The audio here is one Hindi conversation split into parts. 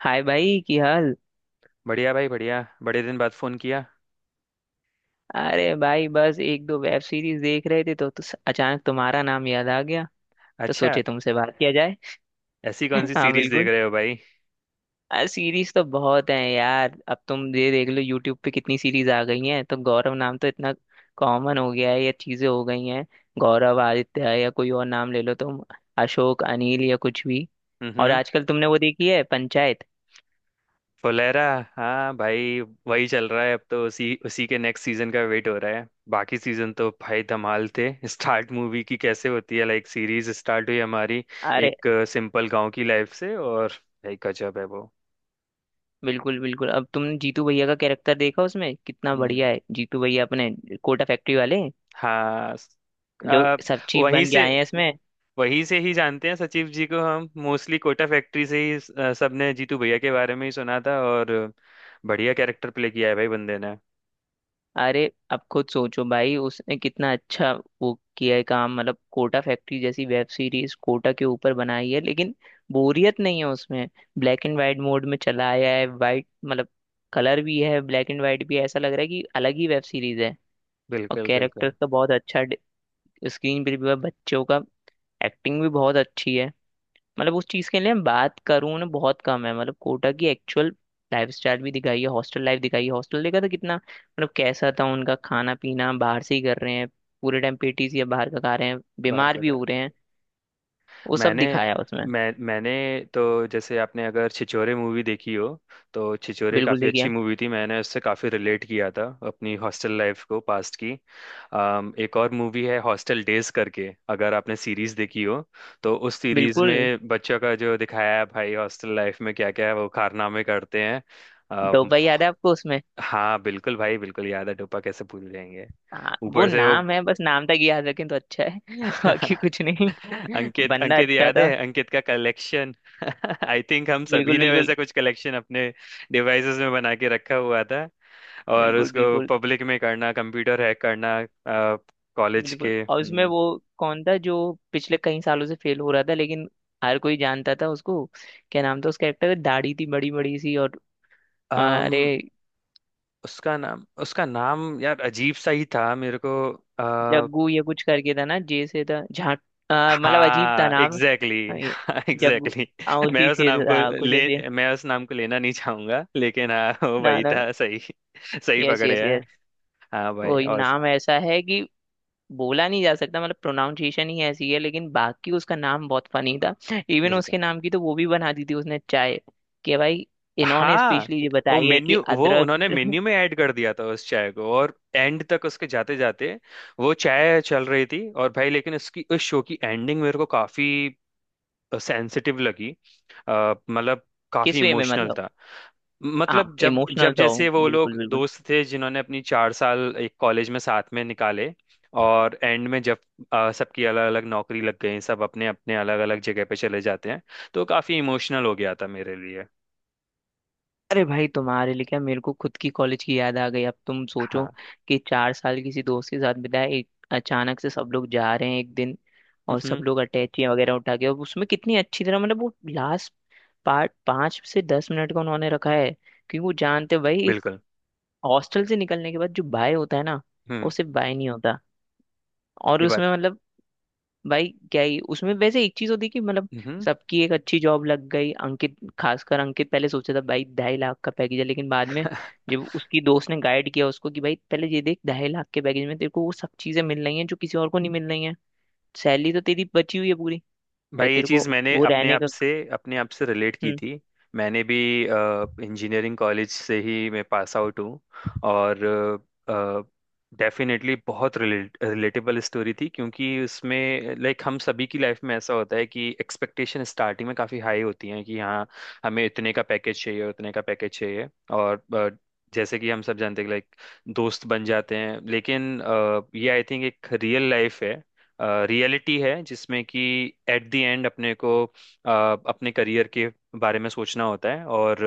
हाय भाई की हाल। बढ़िया भाई बढ़िया, बड़े दिन बाद फोन किया। अरे भाई बस एक दो वेब सीरीज देख रहे थे तो अचानक तुम्हारा नाम याद आ गया। तो अच्छा। सोचे तुमसे बात किया जाए। ऐसी कौन सी हाँ सीरीज देख बिल्कुल। रहे हो भाई? सीरीज तो बहुत हैं यार, अब तुम ये देख लो यूट्यूब पे कितनी सीरीज आ गई हैं, तो गौरव नाम तो इतना कॉमन हो गया है, ये चीजें हो गई हैं। गौरव, आदित्य या कोई और नाम ले लो तुम, अशोक, अनिल या कुछ भी। और हम्म। आजकल तुमने वो देखी है, पंचायत? फुलेरा। हाँ भाई। वही चल रहा है, अब तो उसी उसी के नेक्स्ट सीजन का वेट हो रहा है। बाकी सीजन तो भाई धमाल थे। स्टार्ट मूवी की कैसे होती है, लाइक सीरीज स्टार्ट हुई हमारी एक सिंपल गांव की लाइफ से, और भाई गजब है वो। बिल्कुल बिल्कुल। अब तुमने जीतू भैया का कैरेक्टर देखा उसमें कितना हम्म। बढ़िया है, जीतू भैया अपने कोटा फैक्ट्री वाले, हाँ। जो आ, सब चीफ वहीं बन के से आए हैं इसमें। वहीं से ही जानते हैं सचिव जी को, हम मोस्टली कोटा फैक्ट्री से ही। सबने जीतू भैया के बारे में ही सुना था, और बढ़िया कैरेक्टर प्ले किया है भाई बंदे ने। अरे अब खुद सोचो भाई, उसने कितना अच्छा वो किया है काम, मतलब कोटा फैक्ट्री जैसी वेब सीरीज कोटा के ऊपर बनाई है लेकिन बोरियत नहीं है उसमें। ब्लैक एंड वाइट मोड में चला आया है, वाइट मतलब कलर भी है, ब्लैक एंड वाइट भी है, ऐसा लग रहा है कि अलग ही वेब सीरीज है। और बिल्कुल कैरेक्टर बिल्कुल। का बहुत अच्छा, स्क्रीन पर भी बच्चों का एक्टिंग भी बहुत अच्छी है। मतलब उस चीज के लिए मैं बात करूँ ना, बहुत कम है। मतलब कोटा की एक्चुअल लाइफ स्टाइल भी दिखाई है, हॉस्टल लाइफ दिखाई है, हॉस्टल देखा था कितना, मतलब कैसा था उनका खाना पीना, बाहर से ही कर रहे हैं, पूरे टाइम पेटीज या बाहर का खा रहे हैं, बाहर बीमार का। भी हो रहे हैं, वो सब मैंने दिखाया उसमें। मैंने तो, जैसे आपने अगर छिछोरे मूवी देखी हो तो छिछोरे बिल्कुल काफ़ी देखिए। अच्छी मूवी थी, मैंने उससे काफ़ी रिलेट किया था अपनी हॉस्टल लाइफ को, पास्ट की। एक और मूवी है हॉस्टल डेज करके, अगर आपने सीरीज देखी हो तो उस सीरीज बिल्कुल। में बच्चों का जो दिखाया है भाई, हॉस्टल लाइफ में क्या क्या है वो कारनामे करते हैं। अम, डोबा याद है आपको उसमें? हाँ बिल्कुल भाई, बिल्कुल याद है, टोपा कैसे भूल जाएंगे। हाँ, वो ऊपर से वो नाम है, बस नाम तक याद रखें तो अच्छा है बाकी कुछ नहीं। अंकित बंदा अंकित अच्छा याद था। है, अंकित का कलेक्शन। आई थिंक हम सभी बिल्कुल ने बिल्कुल। वैसा कुछ कलेक्शन अपने डिवाइसेस में बना के रखा हुआ था, और बिल्कुल उसको बिल्कुल। पब्लिक में करना, कंप्यूटर हैक करना कॉलेज बिल्कुल के। और उसमें हम्म। वो कौन था जो पिछले कई सालों से फेल हो रहा था, लेकिन हर कोई जानता था उसको, क्या नाम था उस कैरेक्टर, दाढ़ी थी बड़ी बड़ी सी और अरे, अम, उसका नाम यार अजीब सा ही था मेरे को। अ, जग्गू ये कुछ करके था ना, जे से था, झा। मतलब अजीब था हाँ नाम, एग्जैक्टली। हाँ, ये जग्गू। एग्जैक्टली। हाँ, मैं उसी उस से नाम को था कुछ ऐसे। मैं उस नाम को लेना नहीं चाहूंगा, लेकिन हाँ वो ना वही ना। था सही। सही यस यस पकड़े। यस। हाँ भाई, वही और। नाम ऐसा है कि बोला नहीं जा सकता, मतलब प्रोनाउंसिएशन ही ऐसी है, लेकिन बाकी उसका नाम बहुत फनी था। इवन बिल्कुल। उसके नाम की तो वो भी बना दी थी उसने चाय कि भाई इन्होंने हाँ स्पेशली ये बताई है कि वो अदरक उन्होंने मेन्यू में ऐड कर दिया था उस चाय को, और एंड तक उसके जाते जाते वो चाय चल रही थी। और भाई, लेकिन उसकी उस शो की एंडिंग मेरे को काफी सेंसिटिव लगी। मतलब काफी किस वे में इमोशनल मतलब? था। हाँ मतलब जब इमोशनल जब तो जैसे हो, वो बिल्कुल लोग बिल्कुल। दोस्त थे जिन्होंने अपनी 4 साल एक कॉलेज में साथ में निकाले, और एंड में जब सबकी अलग अलग नौकरी लग गई, सब अपने अपने अलग अलग जगह पे चले जाते हैं, तो काफी इमोशनल हो गया था मेरे लिए। अरे भाई तुम्हारे लिए क्या, मेरे को खुद की कॉलेज की याद आ गई। अब तुम सोचो हाँ। कि 4 साल किसी दोस्त के साथ बिताए, एक अचानक से सब लोग जा रहे हैं एक दिन, और सब हम्म। लोग अटैची वगैरह उठा के, और उसमें कितनी अच्छी तरह, मतलब वो लास्ट पार्ट 5 से 10 मिनट का उन्होंने रखा है, क्योंकि वो जानते हैं भाई एक बिल्कुल। हॉस्टल से निकलने के बाद जो बाय होता है ना, वो हम्म। सिर्फ बाय नहीं होता। और ये बात। उसमें मतलब भाई क्या ही उसमें, वैसे एक चीज होती कि मतलब हम्म। सबकी एक अच्छी जॉब लग गई, अंकित, खासकर अंकित पहले सोचा था भाई 2.5 लाख का पैकेज है, लेकिन बाद में जब उसकी दोस्त ने गाइड किया उसको कि भाई पहले ये देख, 2.5 लाख के पैकेज में तेरे को वो सब चीजें मिल रही हैं जो किसी और को नहीं मिल रही हैं, सैलरी तो तेरी बची हुई है पूरी, भाई भाई ये तेरे चीज़ को मैंने वो अपने रहने आप का। से अपने आप से रिलेट की हम्म। थी। मैंने भी इंजीनियरिंग कॉलेज से ही मैं पास आउट हूँ, और डेफिनेटली बहुत रिलेटेबल स्टोरी थी, क्योंकि उसमें लाइक हम सभी की लाइफ में ऐसा होता है कि एक्सपेक्टेशन स्टार्टिंग में काफ़ी हाई होती है, कि हाँ हमें इतने का पैकेज चाहिए, उतने का पैकेज चाहिए। और जैसे कि हम सब जानते हैं, लाइक दोस्त बन जाते हैं, लेकिन ये आई थिंक एक रियल लाइफ है, रियलिटी है, जिसमें कि एट द एंड अपने को अपने करियर के बारे में सोचना होता है, और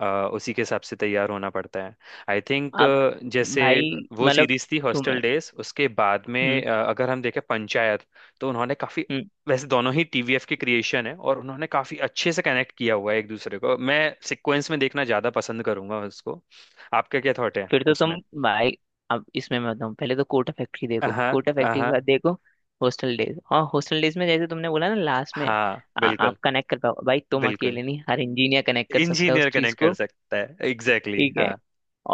अ, उसी के हिसाब से तैयार होना पड़ता है आई थिंक। आप जैसे भाई वो मतलब सीरीज थी हॉस्टल तुम्हें। डेज, उसके बाद हम्म। में अगर हम देखें पंचायत, तो उन्होंने काफी, हम्म। वैसे दोनों ही टीवीएफ के क्रिएशन है और उन्होंने काफी अच्छे से कनेक्ट किया हुआ है एक दूसरे को, मैं सिक्वेंस में देखना ज्यादा पसंद करूंगा उसको। आपका क्या थॉट है फिर तो तुम उसमें? भाई, अब इसमें मैं बताऊँ, पहले तो कोटा फैक्ट्री देखो, हाँ। कोटा फैक्ट्री के हाँ। बाद देखो हॉस्टल डेज, और हॉस्टल डेज में जैसे तुमने बोला ना लास्ट में, हाँ। आ, बिल्कुल। आप कनेक्ट कर पाओ। भाई तुम बिल्कुल, अकेले नहीं, हर इंजीनियर कनेक्ट कर सकता है उस इंजीनियर चीज कनेक्ट कर को। सकता है, एग्जैक्टली ठीक exactly, है। हाँ।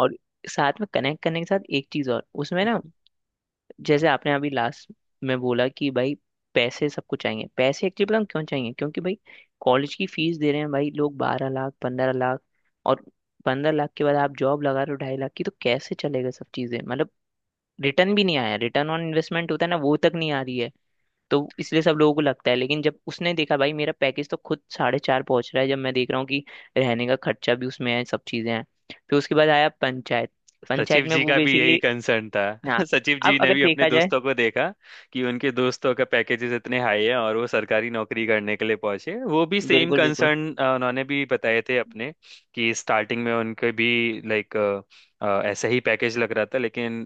और साथ में कनेक्ट करने के साथ एक चीज और उसमें ना, जैसे आपने अभी लास्ट में बोला कि भाई पैसे सबको चाहिए, पैसे एक्चुअली पता है क्यों चाहिए, क्योंकि भाई कॉलेज की फीस दे रहे हैं भाई लोग, 12 लाख, 15 लाख, और 15 लाख के बाद आप जॉब लगा रहे हो 2.5 लाख की, तो कैसे चलेगा, सब चीजें मतलब रिटर्न भी नहीं आया, रिटर्न ऑन इन्वेस्टमेंट होता है ना, वो तक नहीं आ रही है। तो इसलिए सब लोगों को लगता है, लेकिन जब उसने देखा भाई मेरा पैकेज तो खुद साढ़े चार पहुंच रहा है, जब मैं देख रहा हूँ कि रहने का खर्चा भी उसमें है, सब चीजें हैं। फिर उसके बाद आया पंचायत, पंचायत सचिव में जी वो का भी यही बेसिकली, कंसर्न था। हाँ सचिव जी अब ने अगर भी अपने देखा जाए, दोस्तों को देखा, कि उनके दोस्तों का पैकेजेस इतने हाई है, और वो सरकारी नौकरी करने के लिए पहुंचे, वो भी सेम बिल्कुल बिल्कुल। कंसर्न। उन्होंने भी बताए थे अपने कि स्टार्टिंग में उनके भी लाइक ऐसा ही पैकेज लग रहा था, लेकिन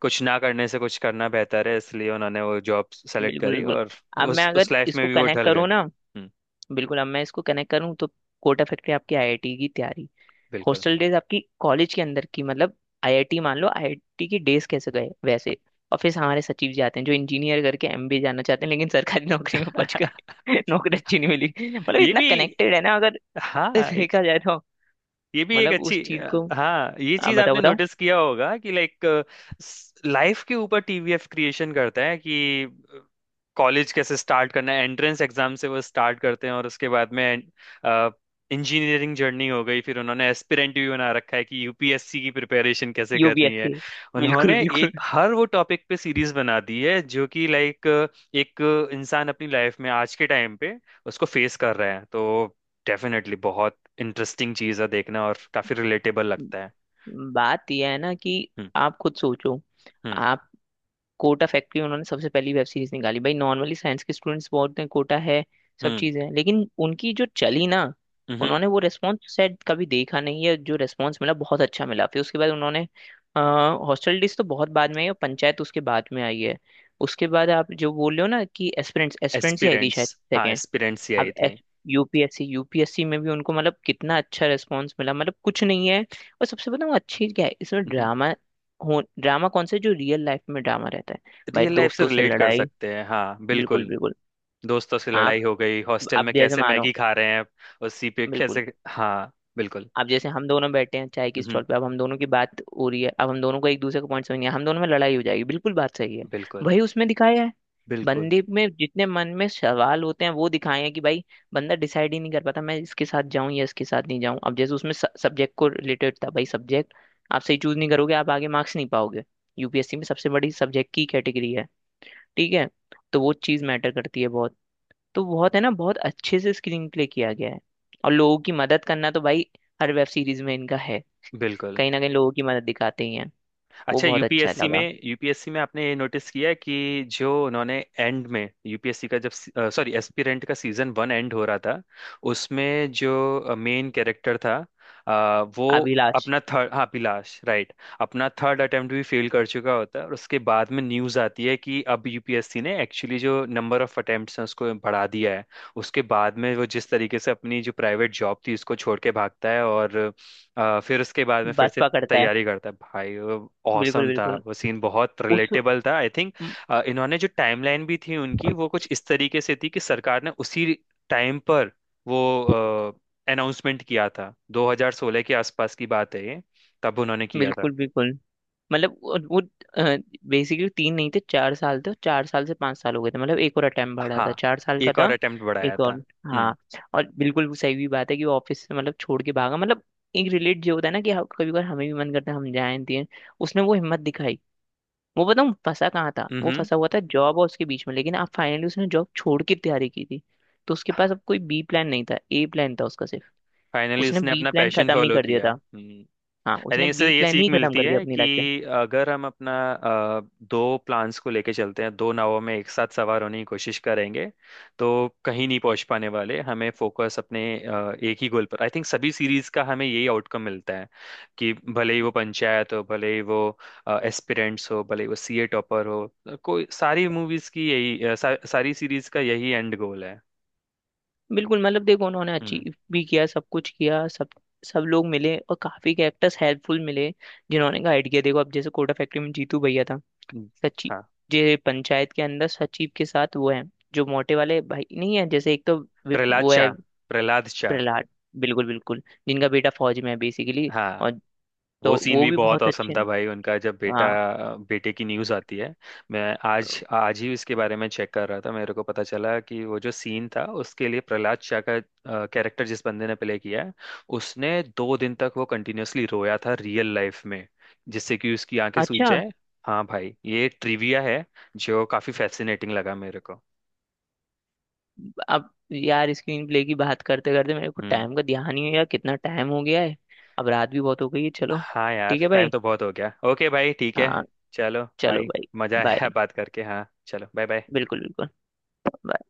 कुछ ना करने से कुछ करना बेहतर है, इसलिए उन्होंने वो जॉब सेलेक्ट बिल्कुल करी, बिल्कुल। और अब मैं उस अगर उस लाइफ में इसको भी वो कनेक्ट ढल गए। करूँ ना, हम्म। बिल्कुल अब मैं इसको कनेक्ट करूँ तो कोटा फैक्ट्री आपकी आईआईटी की तैयारी, बिल्कुल। हॉस्टल डेज आपकी कॉलेज के अंदर की, मतलब आईआईटी मान लो, आईआईटी की डेज कैसे गए वैसे। और फिर हमारे सचिव जी आते हैं जो इंजीनियर करके एमबीए जाना चाहते हैं, लेकिन सरकारी नौकरी में पहुंच गए नौकरी अच्छी नहीं मिली, मतलब ये इतना भी, कनेक्टेड है ना अगर हाँ देखा जाए तो। ये भी एक मतलब अच्छी उस चीज को हाँ, ये आ, चीज बताओ आपने बताओ। नोटिस किया होगा कि लाइक लाइफ के ऊपर टीवीएफ क्रिएशन करता है कि कॉलेज कैसे स्टार्ट करना है, एंट्रेंस एग्जाम से वो स्टार्ट करते हैं और उसके बाद में इंजीनियरिंग जर्नी हो गई, फिर उन्होंने एस्पिरेंट भी बना रखा है कि यूपीएससी की प्रिपरेशन कैसे करनी है। यूपीएससी। बिल्कुल उन्होंने बिल्कुल। हर वो टॉपिक पे सीरीज बना दी है जो कि लाइक एक इंसान अपनी लाइफ में आज के टाइम पे उसको फेस कर रहा है, तो डेफिनेटली बहुत इंटरेस्टिंग चीज है देखना, और काफी रिलेटेबल लगता है। बात यह है ना कि हम्म। आप खुद सोचो, हम्म। आप कोटा फैक्ट्री, उन्होंने सबसे पहली वेब सीरीज निकाली भाई। नॉर्मली साइंस के स्टूडेंट्स बहुत हैं, कोटा है, सब हम्म। चीज़ है, लेकिन उनकी जो चली ना, हम्म। उन्होंने वो रेस्पॉन्स शायद कभी देखा नहीं है, जो रेस्पॉन्स मिला, बहुत अच्छा मिला। फिर उसके बाद उन्होंने हॉस्टल डिस तो बहुत बाद में आई, और पंचायत उसके बाद में आई है। उसके बाद आप जो बोल रहे हो ना कि एस्पिरेंट्स, एस्पिरेंट्स ही आई थी एस्पिरेंट्स। शायद हाँ सेकेंड। एस्पिरेंट्स ही अब आई थी। एस यूपीएससी, यूपीएससी में भी उनको मतलब कितना अच्छा रेस्पॉन्स मिला, मतलब कुछ नहीं है। और सबसे बताऊँ अच्छी चीज़ क्या है इसमें ड्रामा हो, ड्रामा कौन सा है, जो रियल लाइफ में ड्रामा रहता है, भाई रियल लाइफ से दोस्तों से रिलेट कर लड़ाई। सकते हैं, हाँ बिल्कुल बिल्कुल। बिल्कुल। दोस्तों से लड़ाई आप हो गई, हॉस्टल आप में जैसे कैसे मानो, मैगी खा रहे हैं, उसी पे बिल्कुल। कैसे, हाँ। बिल्कुल। अब जैसे हम दोनों बैठे हैं चाय की हम्म। स्टॉल पे, अब हम दोनों की बात हो रही है, अब हम दोनों को एक दूसरे का पॉइंट समझ नहीं है, हम दोनों में लड़ाई हो जाएगी। बिल्कुल बात सही है। बिल्कुल। वही उसमें दिखाया है। बिल्कुल। बंदे में जितने मन में सवाल होते हैं वो दिखाए हैं, कि भाई बंदा डिसाइड ही नहीं कर पाता, मैं इसके साथ जाऊं या इसके साथ नहीं जाऊं। अब जैसे उसमें सब्जेक्ट को रिलेटेड था, भाई सब्जेक्ट आप सही चूज नहीं करोगे, आप आगे मार्क्स नहीं पाओगे। यूपीएससी में सबसे बड़ी सब्जेक्ट की कैटेगरी है, ठीक है, तो वो चीज़ मैटर करती है बहुत। तो बहुत है ना, बहुत अच्छे से स्क्रीन प्ले किया गया है। और लोगों की मदद करना तो भाई हर वेब सीरीज में इनका है, बिल्कुल। कहीं ना कहीं लोगों की मदद दिखाते ही हैं, वो अच्छा, बहुत अच्छा यूपीएससी लगा। में यूपीएससी में आपने ये नोटिस किया है, कि जो उन्होंने एंड में यूपीएससी का, जब सॉरी एस्पिरेंट का सीजन वन एंड हो रहा था, उसमें जो मेन कैरेक्टर था, वो अभिलाष अपना थर्ड, हाँ अभिलाष राइट, अपना थर्ड अटेम्प्ट भी फेल कर चुका होता है, और उसके बाद में न्यूज़ आती है कि अब यूपीएससी ने एक्चुअली जो नंबर ऑफ अटेम्प्ट्स हैं उसको बढ़ा दिया है। उसके बाद में वो जिस तरीके से अपनी जो प्राइवेट जॉब थी उसको छोड़ के भागता है, और फिर उसके बाद में फिर बस से पकड़ता है। तैयारी करता है भाई। वो बिल्कुल औसम था, बिल्कुल। वो सीन बहुत उस, रिलेटेबल था आई थिंक। इन्होंने जो टाइमलाइन भी थी उनकी, वो कुछ इस तरीके से थी कि सरकार ने उसी टाइम पर वो अनाउंसमेंट किया था, 2016 के आसपास की बात है ये, तब उन्होंने किया था। बिल्कुल बिल्कुल। मतलब वो बेसिकली तीन नहीं थे, 4 साल थे, और 4 साल से 5 साल हो गए थे, मतलब एक और अटेम्प्ट बढ़ा हाँ था, चार साल का एक और था। अटेम्प्ट बढ़ाया एक था। और, हाँ। हम्म। और बिल्कुल वो सही भी बात है कि वो ऑफिस से मतलब छोड़ के भागा, मतलब एक रिलेट जो होता है ना कि हाँ, कभी कभार हमें भी मन करता है हम जाएं दिए, उसने वो हिम्मत दिखाई। वो बताऊँ फंसा कहाँ था, वो हम्म। फंसा हुआ था जॉब और उसके बीच में, लेकिन अब फाइनली उसने जॉब छोड़ के तैयारी की थी, तो उसके पास अब कोई बी प्लान नहीं था, ए प्लान था उसका सिर्फ। फाइनली उसने उसने बी अपना प्लान पैशन खत्म ही फॉलो कर दिया किया। था। हम्म। हाँ आई उसने थिंक इससे बी ये प्लान सीख ही खत्म मिलती कर दिया है अपनी कि लाइफ से। अगर हम अपना दो प्लान्स को लेके चलते हैं, दो नावों में एक साथ सवार होने की कोशिश करेंगे, तो कहीं नहीं पहुंच पाने वाले। हमें फोकस अपने एक ही गोल पर, आई थिंक सभी सीरीज का हमें यही आउटकम मिलता है, कि भले ही वो पंचायत हो, भले ही वो एस्पिरेंट्स हो, भले ही वो सीए टॉपर हो, कोई सारी मूवीज की यही सारी सीरीज का यही एंड गोल है। बिल्कुल, मतलब देखो उन्होंने हम्म। अचीव भी किया, सब कुछ किया, सब, सब लोग मिले और काफी कैरेक्टर्स हेल्पफुल मिले, जिन्होंने गाइड किया। देखो अब जैसे कोटा फैक्ट्री में जीतू भैया था हम्म, सचिव हाँ। जे, पंचायत के अंदर सचिव के साथ वो है, जो मोटे वाले भाई नहीं है, जैसे एक तो वो प्रहलाद है, शाह, प्रहलाद शाह। प्रहलाद। बिल्कुल बिल्कुल। जिनका बेटा फौज में है बेसिकली, हाँ और वो तो सीन वो भी भी बहुत बहुत औसम अच्छे था हैं। भाई उनका, जब बेटा हाँ बेटे की न्यूज़ आती है। मैं तो आज आज ही इसके बारे में चेक कर रहा था, मेरे को पता चला कि वो जो सीन था उसके लिए प्रहलाद शाह का कैरेक्टर जिस बंदे ने प्ले किया है, उसने 2 दिन तक वो कंटिन्यूअसली रोया था रियल लाइफ में, जिससे कि उसकी आंखें सूज अच्छा। जाए। हाँ भाई ये ट्रिविया है, जो काफी फैसिनेटिंग लगा मेरे को। अब यार स्क्रीन प्ले की बात करते करते मेरे को हम्म। टाइम का ध्यान ही नहीं, यार कितना टाइम हो गया है। अब रात भी बहुत हो गई है, चलो। हाँ यार, ठीक है टाइम भाई। तो बहुत हो गया, ओके भाई ठीक है। हाँ चलो चलो भाई। भाई। मजा बाय। आया बात करके, हाँ चलो बाय बाय। बिल्कुल बिल्कुल। bye।